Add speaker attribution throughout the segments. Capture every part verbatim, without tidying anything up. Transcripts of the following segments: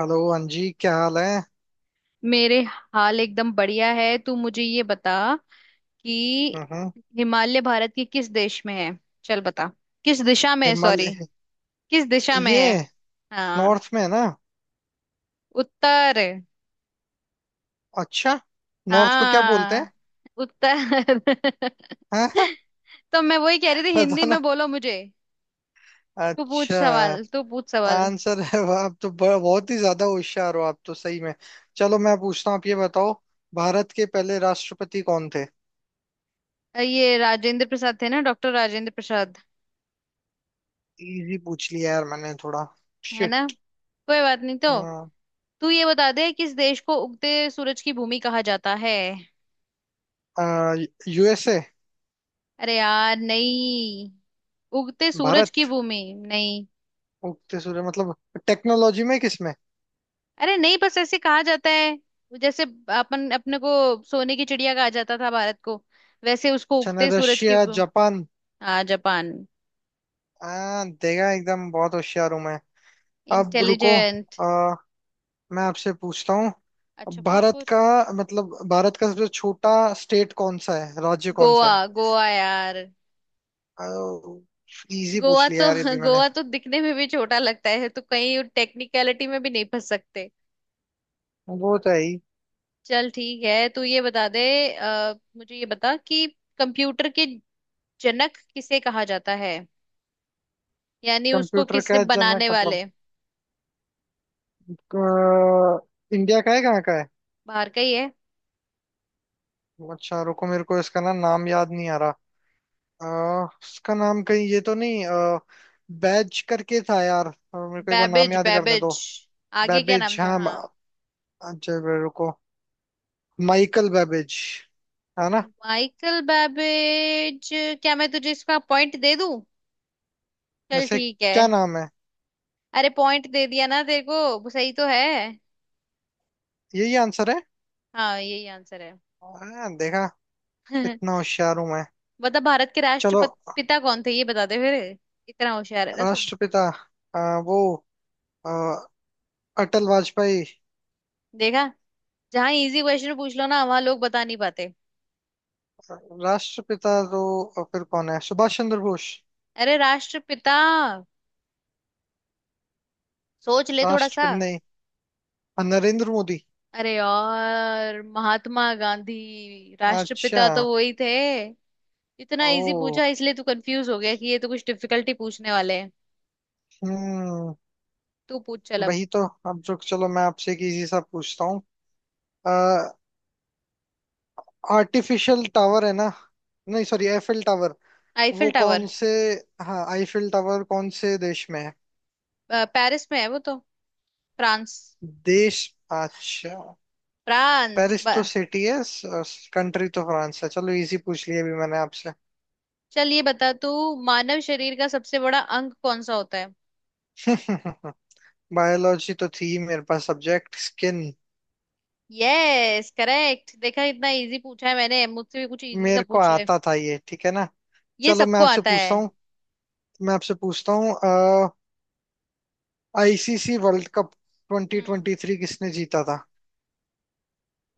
Speaker 1: Hello Anji, क्या हाल है।
Speaker 2: मेरे हाल एकदम बढ़िया है। तू मुझे ये बता कि
Speaker 1: हम्म।
Speaker 2: हिमालय भारत के किस देश में है। चल बता किस दिशा में है, सॉरी
Speaker 1: हिमालय
Speaker 2: किस दिशा में
Speaker 1: ये
Speaker 2: है। हाँ,
Speaker 1: नॉर्थ में है ना।
Speaker 2: उत्तर।
Speaker 1: अच्छा। नॉर्थ को क्या बोलते हैं?
Speaker 2: हाँ, उत्तर
Speaker 1: हाँ, हाँ,
Speaker 2: तो मैं वही कह रही थी, हिंदी
Speaker 1: पता
Speaker 2: में
Speaker 1: ना।
Speaker 2: बोलो मुझे। तू पूछ
Speaker 1: अच्छा।
Speaker 2: सवाल, तू पूछ सवाल।
Speaker 1: आंसर है, वाह, आप तो ब- बहुत ही ज्यादा होशियार हो, आप तो सही में। चलो, मैं पूछता हूँ, आप ये बताओ, भारत के पहले राष्ट्रपति कौन थे?
Speaker 2: अ, ये राजेंद्र प्रसाद थे ना, डॉक्टर राजेंद्र प्रसाद।
Speaker 1: इजी पूछ लिया यार मैंने थोड़ा।
Speaker 2: है ना।
Speaker 1: शिट।
Speaker 2: कोई बात नहीं तो। तू ये बता दे, किस देश को उगते सूरज की भूमि कहा जाता है।
Speaker 1: यूएसए।
Speaker 2: अरे यार नहीं। उगते सूरज की
Speaker 1: भारत।
Speaker 2: भूमि। नहीं।
Speaker 1: उगते सूर्य मतलब? टेक्नोलॉजी में, किसमें?
Speaker 2: अरे नहीं, बस ऐसे कहा जाता है। जैसे अपन अपने को सोने की चिड़िया कहा जाता था भारत को, वैसे उसको
Speaker 1: अच्छा, ना,
Speaker 2: उगते सूरज की
Speaker 1: रशिया,
Speaker 2: भूमि।
Speaker 1: जापान।
Speaker 2: हाँ, जापान।
Speaker 1: आ, देखा, एकदम बहुत होशियार हूं मैं। अब रुको।
Speaker 2: इंटेलिजेंट।
Speaker 1: आ, मैं आपसे पूछता हूँ।
Speaker 2: अच्छा पूछ
Speaker 1: भारत
Speaker 2: पूछ।
Speaker 1: का मतलब, भारत का सबसे छोटा स्टेट कौन सा है, राज्य कौन सा
Speaker 2: गोवा
Speaker 1: है?
Speaker 2: गोवा यार।
Speaker 1: इजी
Speaker 2: गोवा
Speaker 1: पूछ
Speaker 2: तो
Speaker 1: लिया यार ये भी मैंने।
Speaker 2: गोवा तो दिखने में भी छोटा लगता है, तो कहीं टेक्निकलिटी में भी नहीं फंस सकते।
Speaker 1: वो तो है ही।
Speaker 2: चल ठीक है, तू ये बता दे। अ, मुझे ये बता कि कंप्यूटर के जनक किसे कहा जाता है, यानी उसको
Speaker 1: कंप्यूटर
Speaker 2: किसने
Speaker 1: का जनक
Speaker 2: बनाने
Speaker 1: मतलब,
Speaker 2: वाले।
Speaker 1: अ, इंडिया का है, कहाँ का है?
Speaker 2: बाहर का ही है।
Speaker 1: अच्छा रुको, मेरे को इसका ना नाम याद नहीं आ रहा। अ, इसका नाम, कहीं ये तो नहीं, आ, बैज करके था यार, अ, मेरे को एक बार नाम
Speaker 2: बैबेज
Speaker 1: याद करने दो।
Speaker 2: बैबेज, आगे क्या
Speaker 1: बैबेज,
Speaker 2: नाम था।
Speaker 1: हाँ।
Speaker 2: हाँ,
Speaker 1: अच्छा रुको। माइकल बेबेज, है ना?
Speaker 2: Michael Babbage. क्या मैं तुझे इसका पॉइंट दे दूं। चल
Speaker 1: वैसे
Speaker 2: ठीक है।
Speaker 1: क्या नाम है?
Speaker 2: अरे पॉइंट दे दिया ना तेरे को, वो सही तो है।
Speaker 1: यही आंसर है।
Speaker 2: हाँ यही आंसर
Speaker 1: आ, देखा,
Speaker 2: है।
Speaker 1: इतना होशियार हूं मैं।
Speaker 2: बता भारत के
Speaker 1: चलो।
Speaker 2: राष्ट्रपिता कौन थे, ये बता दे फिर। इतना होशियार है ना तू।
Speaker 1: राष्ट्रपिता आ, वो आ, अटल वाजपेयी।
Speaker 2: देखा, जहाँ इजी क्वेश्चन पूछ लो ना वहां लोग बता नहीं पाते।
Speaker 1: राष्ट्रपिता तो फिर कौन है, सुभाष चंद्र बोस?
Speaker 2: अरे राष्ट्रपिता, सोच ले थोड़ा सा।
Speaker 1: राष्ट्रपति नहीं, आ, नरेंद्र मोदी।
Speaker 2: अरे यार महात्मा गांधी,
Speaker 1: अच्छा।
Speaker 2: राष्ट्रपिता तो वही थे। इतना इजी
Speaker 1: ओ।
Speaker 2: पूछा इसलिए तू कंफ्यूज हो गया कि ये तो कुछ डिफिकल्टी पूछने वाले हैं।
Speaker 1: हम्म।
Speaker 2: तू पूछ चल अब।
Speaker 1: वही तो। अब रुक, चलो मैं आपसे एक इजी सा पूछता हूँ। आर्टिफिशियल टावर है ना, नहीं सॉरी, एफिल टावर।
Speaker 2: आईफिल
Speaker 1: वो
Speaker 2: टावर।
Speaker 1: कौन से, हाँ, आईफिल टावर कौन से देश में है,
Speaker 2: अ, पेरिस में है वो तो। फ्रांस।
Speaker 1: देश? अच्छा।
Speaker 2: फ्रांस
Speaker 1: पेरिस तो
Speaker 2: ब-
Speaker 1: सिटी है, कंट्री तो फ्रांस है। चलो इजी पूछ लिया अभी मैंने आपसे।
Speaker 2: चल ये बता तू, मानव शरीर का सबसे बड़ा अंग कौन सा होता है।
Speaker 1: बायोलॉजी तो थी मेरे पास सब्जेक्ट, स्किन।
Speaker 2: यस करेक्ट, देखा इतना इजी पूछा है मैंने, मुझसे भी कुछ इजी सा
Speaker 1: मेरे को
Speaker 2: पूछ ले।
Speaker 1: आता था ये, ठीक है ना।
Speaker 2: ये
Speaker 1: चलो मैं
Speaker 2: सबको
Speaker 1: आपसे
Speaker 2: आता है।
Speaker 1: पूछता हूँ, मैं आपसे पूछता हूँ, आईसीसी वर्ल्ड कप
Speaker 2: हम्म,
Speaker 1: ट्वेंटी ट्वेंटी थ्री किसने जीता था?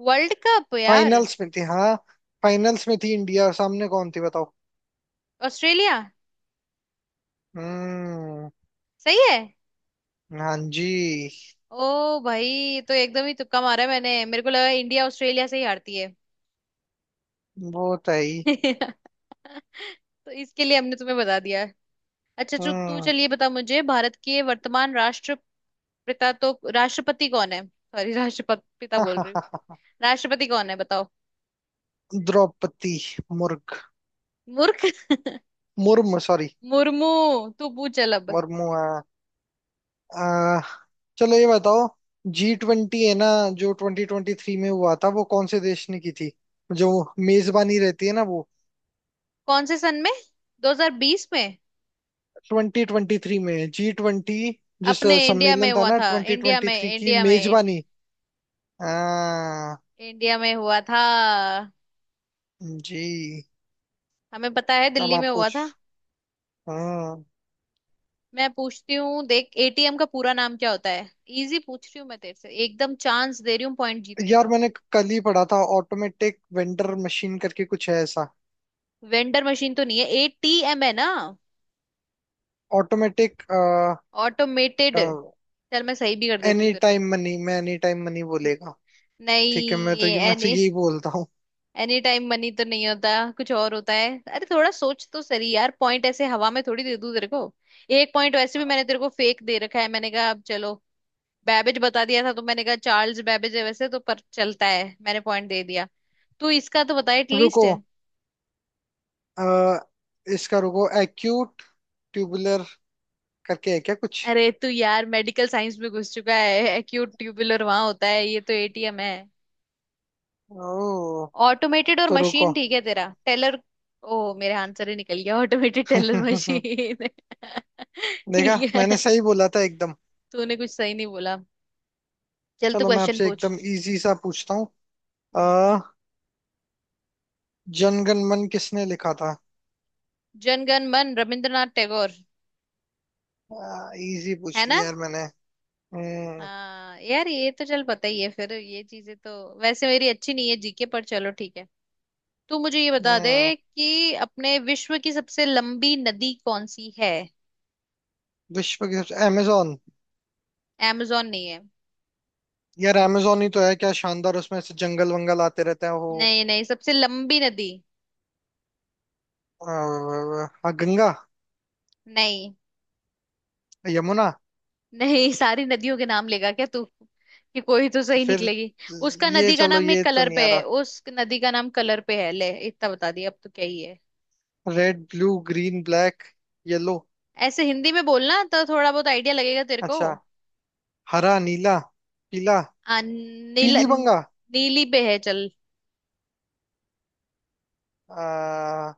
Speaker 2: वर्ल्ड कप यार।
Speaker 1: फाइनल्स में थी, हाँ, फाइनल्स में थी इंडिया, सामने कौन थी बताओ?
Speaker 2: ऑस्ट्रेलिया।
Speaker 1: हम्म।
Speaker 2: सही है।
Speaker 1: हाँ जी।
Speaker 2: ओ भाई, ये तो एकदम ही तुक्का मारा है मैंने, मेरे को लगा इंडिया ऑस्ट्रेलिया से ही हारती है।
Speaker 1: वो तो है ही।
Speaker 2: तो इसके लिए हमने तुम्हें बता दिया। अच्छा चुप तू,
Speaker 1: हम्म।
Speaker 2: चलिए बता मुझे भारत के वर्तमान राष्ट्रपिता, तो राष्ट्रपति कौन है, सॉरी राष्ट्रपिता बोल रही हूँ। राष्ट्रपति कौन है बताओ।
Speaker 1: द्रौपदी मुर्ग।
Speaker 2: मूर्ख
Speaker 1: मुर्म, सॉरी।
Speaker 2: मुर्मू। तू पूछ चल अब।
Speaker 1: मुर्मुआ। आ, चलो ये बताओ, जी ट्वेंटी है ना, जो ट्वेंटी ट्वेंटी थ्री में हुआ था, वो कौन से देश ने की थी, जो मेजबानी रहती है ना वो,
Speaker 2: कौन से सन में, दो हज़ार बीस में।
Speaker 1: ट्वेंटी ट्वेंटी थ्री में जी ट्वेंटी, जो
Speaker 2: अपने
Speaker 1: स-
Speaker 2: इंडिया में
Speaker 1: सम्मेलन था
Speaker 2: हुआ
Speaker 1: ना,
Speaker 2: था,
Speaker 1: ट्वेंटी
Speaker 2: इंडिया
Speaker 1: ट्वेंटी
Speaker 2: में,
Speaker 1: थ्री की
Speaker 2: इंडिया में,
Speaker 1: मेजबानी? आ,
Speaker 2: इंडिया में हुआ था।
Speaker 1: जी।
Speaker 2: हमें पता है
Speaker 1: अब
Speaker 2: दिल्ली में
Speaker 1: आप
Speaker 2: हुआ
Speaker 1: पूछ।
Speaker 2: था।
Speaker 1: हाँ।
Speaker 2: मैं पूछती हूँ देख, एटीएम का पूरा नाम क्या होता है। इजी पूछ रही हूँ मैं तेरे से, एकदम चांस दे रही हूँ पॉइंट जीतने
Speaker 1: यार,
Speaker 2: का।
Speaker 1: मैंने कल ही पढ़ा था, ऑटोमेटिक वेंडर मशीन करके कुछ है ऐसा।
Speaker 2: वेंडर मशीन तो नहीं है, एटीएम है ना।
Speaker 1: ऑटोमेटिक।
Speaker 2: ऑटोमेटेड। चल मैं सही भी कर देती हूँ
Speaker 1: एनी
Speaker 2: तेरे को।
Speaker 1: टाइम मनी, मैं एनी टाइम मनी बोलेगा। ठीक है, मैं तो
Speaker 2: नहीं,
Speaker 1: ये मैं तो
Speaker 2: एनी।
Speaker 1: यही बोलता हूँ।
Speaker 2: एनी टाइम मनी तो नहीं होता, कुछ और होता है। अरे थोड़ा सोच तो सही यार, पॉइंट ऐसे हवा में थोड़ी दे दूँ तेरे को। एक पॉइंट वैसे भी मैंने तेरे को फेक दे रखा है, मैंने कहा अब चलो बैबेज बता दिया था तो मैंने कहा, चार्ल्स बैबेज है वैसे तो पर चलता है, मैंने पॉइंट दे दिया। तू इसका तो बता एटलीस्ट।
Speaker 1: रुको। आ, इसका रुको, एक्यूट ट्यूबुलर करके है क्या कुछ?
Speaker 2: अरे तू यार मेडिकल साइंस में घुस चुका है, एक्यूट ट्यूबुलर वहां होता है, ये तो एटीएम है।
Speaker 1: ओ।
Speaker 2: ऑटोमेटेड और
Speaker 1: तो रुको।
Speaker 2: मशीन, ठीक है तेरा टेलर। ओ मेरे आंसर ही निकल गया, ऑटोमेटेड टेलर मशीन।
Speaker 1: देखा,
Speaker 2: ठीक है।
Speaker 1: मैंने सही बोला था एकदम।
Speaker 2: तूने कुछ सही नहीं बोला। चल तू
Speaker 1: चलो मैं
Speaker 2: क्वेश्चन
Speaker 1: आपसे
Speaker 2: पूछ।
Speaker 1: एकदम इजी सा पूछता हूँ।
Speaker 2: हम्म,
Speaker 1: अ, जनगण मन किसने लिखा था?
Speaker 2: जनगण मन रविंद्रनाथ टैगोर।
Speaker 1: इजी
Speaker 2: है
Speaker 1: पूछ
Speaker 2: ना।
Speaker 1: लिया यार मैंने। हम्म।
Speaker 2: हाँ यार ये तो चल पता ही है, फिर ये चीजें तो वैसे मेरी अच्छी नहीं है जीके पर। चलो ठीक है, तू मुझे ये बता
Speaker 1: हम्म।
Speaker 2: दे कि अपने विश्व की सबसे लंबी नदी कौन सी है।
Speaker 1: विश्व की सबसे, अमेजोन।
Speaker 2: amazon नहीं है।
Speaker 1: यार अमेजोन ही तो है, क्या शानदार उसमें से जंगल वंगल आते रहते हैं वो।
Speaker 2: नहीं नहीं, सबसे लंबी नदी।
Speaker 1: अ, हाँ, गंगा।
Speaker 2: नहीं।
Speaker 1: यमुना।
Speaker 2: नहीं सारी नदियों के नाम लेगा क्या तू, कि कोई तो
Speaker 1: तो
Speaker 2: सही
Speaker 1: फिर?
Speaker 2: निकलेगी। उसका
Speaker 1: ये
Speaker 2: नदी का
Speaker 1: चलो,
Speaker 2: नाम एक
Speaker 1: ये तो
Speaker 2: कलर
Speaker 1: नहीं
Speaker 2: पे
Speaker 1: आ
Speaker 2: है,
Speaker 1: रहा।
Speaker 2: उस नदी का नाम कलर पे है, ले इतना बता दिया अब तो क्या ही है।
Speaker 1: Red, blue, green, black, yellow.
Speaker 2: ऐसे हिंदी में बोलना तो थोड़ा बहुत आइडिया लगेगा तेरे को।
Speaker 1: अच्छा। हरा, नीला, पीला।
Speaker 2: आ, नील।
Speaker 1: पीली बंगा।
Speaker 2: नीली पे है चल।
Speaker 1: अ,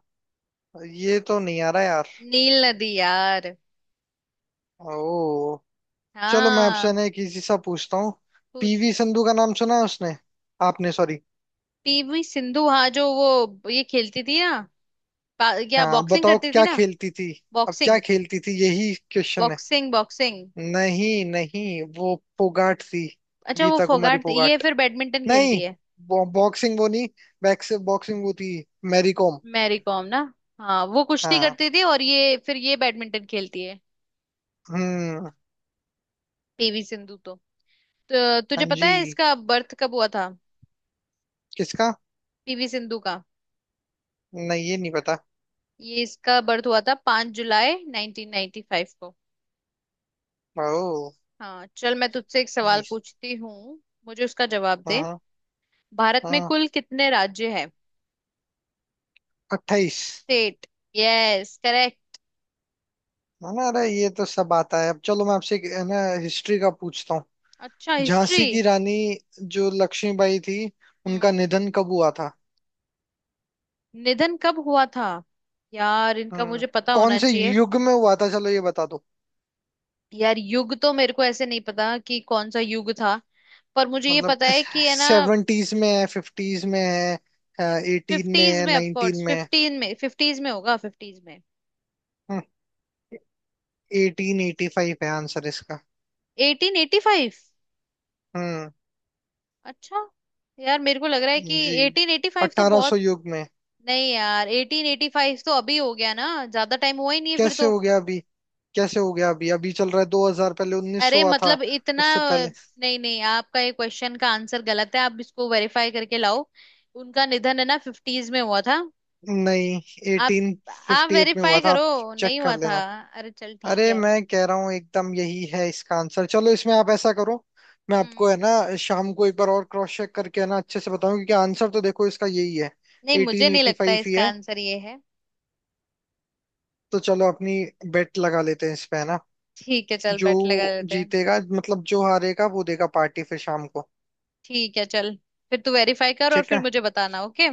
Speaker 1: ये तो नहीं आ रहा यार।
Speaker 2: नील नदी यार।
Speaker 1: ओ। चलो मैं आपसे
Speaker 2: हाँ
Speaker 1: ना एक इजी सा पूछता हूँ।
Speaker 2: पूछ।
Speaker 1: पीवी संधू का नाम सुना है उसने, आपने सॉरी।
Speaker 2: पीवी सिंधु हाँ, जो वो ये खेलती थी ना, पा- क्या
Speaker 1: हाँ,
Speaker 2: बॉक्सिंग
Speaker 1: बताओ
Speaker 2: करती थी
Speaker 1: क्या
Speaker 2: ना।
Speaker 1: खेलती थी? अब क्या
Speaker 2: बॉक्सिंग,
Speaker 1: खेलती थी, यही क्वेश्चन है।
Speaker 2: Boxing, boxing.
Speaker 1: नहीं नहीं, वो फोगाट थी,
Speaker 2: अच्छा वो
Speaker 1: गीता कुमारी
Speaker 2: फोगाट, ये
Speaker 1: फोगाट।
Speaker 2: फिर बैडमिंटन खेलती
Speaker 1: नहीं।
Speaker 2: है।
Speaker 1: बॉ, बॉक्सिंग वो नहीं। बैक्स, बॉक्सिंग वो थी मैरी कॉम।
Speaker 2: मैरी कॉम ना। हाँ वो कुश्ती
Speaker 1: हाँ।
Speaker 2: करती थी और ये फिर ये बैडमिंटन खेलती है।
Speaker 1: हम्म।
Speaker 2: पीवी सिंधु तो, तो
Speaker 1: हाँ
Speaker 2: तुझे पता है
Speaker 1: जी।
Speaker 2: इसका बर्थ कब हुआ था।
Speaker 1: किसका?
Speaker 2: पीवी सिंधु का।
Speaker 1: नहीं, ये नहीं पता।
Speaker 2: ये इसका बर्थ हुआ था पाँच जुलाई नाइनटीन नाइंटी फ़ाइव को।
Speaker 1: ओ।
Speaker 2: हाँ चल मैं तुझसे एक सवाल
Speaker 1: ये।
Speaker 2: पूछती हूँ, मुझे उसका जवाब दे।
Speaker 1: हाँ।
Speaker 2: भारत में
Speaker 1: हाँ,
Speaker 2: कुल कितने राज्य हैं।
Speaker 1: अट्ठाईस।
Speaker 2: State, yes correct.
Speaker 1: है ना, अरे ये तो सब आता है। अब चलो मैं आपसे एक, है ना, हिस्ट्री का पूछता हूँ।
Speaker 2: अच्छा हिस्ट्री।
Speaker 1: झांसी की रानी जो लक्ष्मीबाई थी, उनका
Speaker 2: हम्म,
Speaker 1: निधन कब हुआ था?
Speaker 2: निधन कब हुआ था। यार इनका
Speaker 1: हम्म।
Speaker 2: मुझे पता
Speaker 1: कौन
Speaker 2: होना
Speaker 1: से
Speaker 2: चाहिए।
Speaker 1: युग में हुआ था, चलो ये बता दो।
Speaker 2: यार युग तो मेरे को ऐसे नहीं पता कि कौन सा युग था, पर मुझे ये
Speaker 1: मतलब,
Speaker 2: पता है कि है ना।
Speaker 1: सेवेंटीज में है, फिफ्टीज में है, एटीन में
Speaker 2: फिफ्टीज
Speaker 1: है,
Speaker 2: में, ऑफ
Speaker 1: नाइनटीन
Speaker 2: कोर्स
Speaker 1: में है?
Speaker 2: फिफ्टीन में, फिफ्टीज में होगा, फिफ्टीज में।
Speaker 1: हम्म, एटीन एटी फाइव है आंसर इसका।
Speaker 2: Eighteen eighty five.
Speaker 1: हम्म।
Speaker 2: अच्छा। यार मेरे को लग रहा है कि
Speaker 1: जी।
Speaker 2: एटीन एटी फाइव तो
Speaker 1: अठारह सौ
Speaker 2: बहुत।
Speaker 1: युग में।
Speaker 2: नहीं यार, एटीन एटी फाइव तो अभी हो गया ना, ज्यादा टाइम हुआ ही नहीं है फिर
Speaker 1: कैसे
Speaker 2: तो।
Speaker 1: हो गया अभी, कैसे हो गया अभी, अभी चल रहा है दो हज़ार, पहले उन्नीस सौ
Speaker 2: अरे
Speaker 1: हुआ था,
Speaker 2: मतलब इतना।
Speaker 1: उससे पहले।
Speaker 2: नहीं नहीं, आपका ये क्वेश्चन का आंसर गलत है, आप इसको वेरीफाई करके लाओ। उनका निधन है ना फिफ्टीज में हुआ था।
Speaker 1: नहीं,
Speaker 2: आप। आप
Speaker 1: एटीन फिफ्टी एट में हुआ
Speaker 2: वेरीफाई
Speaker 1: था,
Speaker 2: करो।
Speaker 1: आप चेक
Speaker 2: नहीं
Speaker 1: कर
Speaker 2: हुआ था।
Speaker 1: लेना।
Speaker 2: अरे चल ठीक
Speaker 1: अरे
Speaker 2: है।
Speaker 1: मैं कह रहा हूँ, एकदम यही है इसका आंसर। चलो इसमें आप ऐसा करो, मैं
Speaker 2: हम्म,
Speaker 1: आपको है ना शाम को एक बार और क्रॉस चेक करके है ना अच्छे से बताऊं, क्योंकि आंसर तो देखो इसका यही है,
Speaker 2: नहीं मुझे नहीं लगता
Speaker 1: एटीन एटी फाइव ही
Speaker 2: इसका
Speaker 1: है।
Speaker 2: आंसर ये है।
Speaker 1: तो चलो अपनी बेट लगा लेते हैं इस पे, है ना।
Speaker 2: ठीक है चल
Speaker 1: जो
Speaker 2: बेट लगा लेते हैं।
Speaker 1: जीतेगा, मतलब जो हारेगा वो देगा पार्टी फिर शाम को।
Speaker 2: ठीक है चल, फिर तू वेरीफाई कर और
Speaker 1: ठीक
Speaker 2: फिर
Speaker 1: है।
Speaker 2: मुझे बताना, ओके।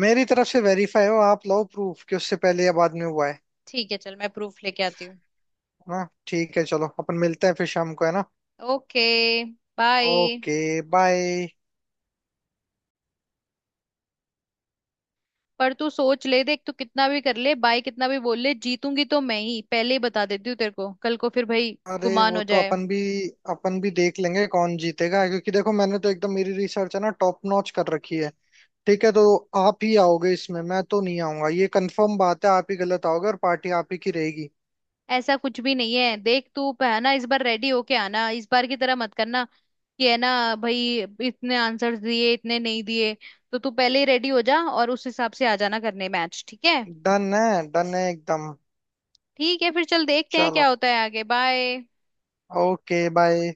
Speaker 1: मेरी तरफ से वेरीफाई हो, आप लाओ प्रूफ कि उससे पहले या बाद में हुआ है है
Speaker 2: ठीक है चल, मैं प्रूफ लेके आती हूँ।
Speaker 1: ना। ठीक है, चलो अपन मिलते हैं फिर शाम को, है ना।
Speaker 2: Okay, bye.
Speaker 1: Okay, bye.
Speaker 2: पर तू सोच ले देख, तू कितना भी कर ले बाय, कितना भी बोल ले, जीतूंगी तो मैं ही, पहले ही बता देती हूँ तेरे को, कल को फिर भाई
Speaker 1: अरे
Speaker 2: गुमान
Speaker 1: वो
Speaker 2: हो
Speaker 1: तो
Speaker 2: जाए।
Speaker 1: अपन भी, अपन भी देख लेंगे कौन जीतेगा, क्योंकि देखो मैंने तो एकदम मेरी रिसर्च है ना टॉप नॉच कर रखी है। ठीक है, तो आप ही आओगे इसमें, मैं तो नहीं आऊंगा, ये कंफर्म बात है, आप ही गलत आओगे और पार्टी आप ही की रहेगी।
Speaker 2: ऐसा कुछ भी नहीं है देख, तू प- है ना इस बार रेडी होके आना, इस बार की तरह मत करना कि है ना भाई इतने आंसर्स दिए इतने नहीं दिए। तो तू पहले ही रेडी हो जा और उस हिसाब से आ जाना करने मैच, ठीक है।
Speaker 1: डन है, डन है एकदम।
Speaker 2: ठीक है फिर चल देखते हैं
Speaker 1: चलो।
Speaker 2: क्या होता है आगे, बाय।
Speaker 1: Okay, bye.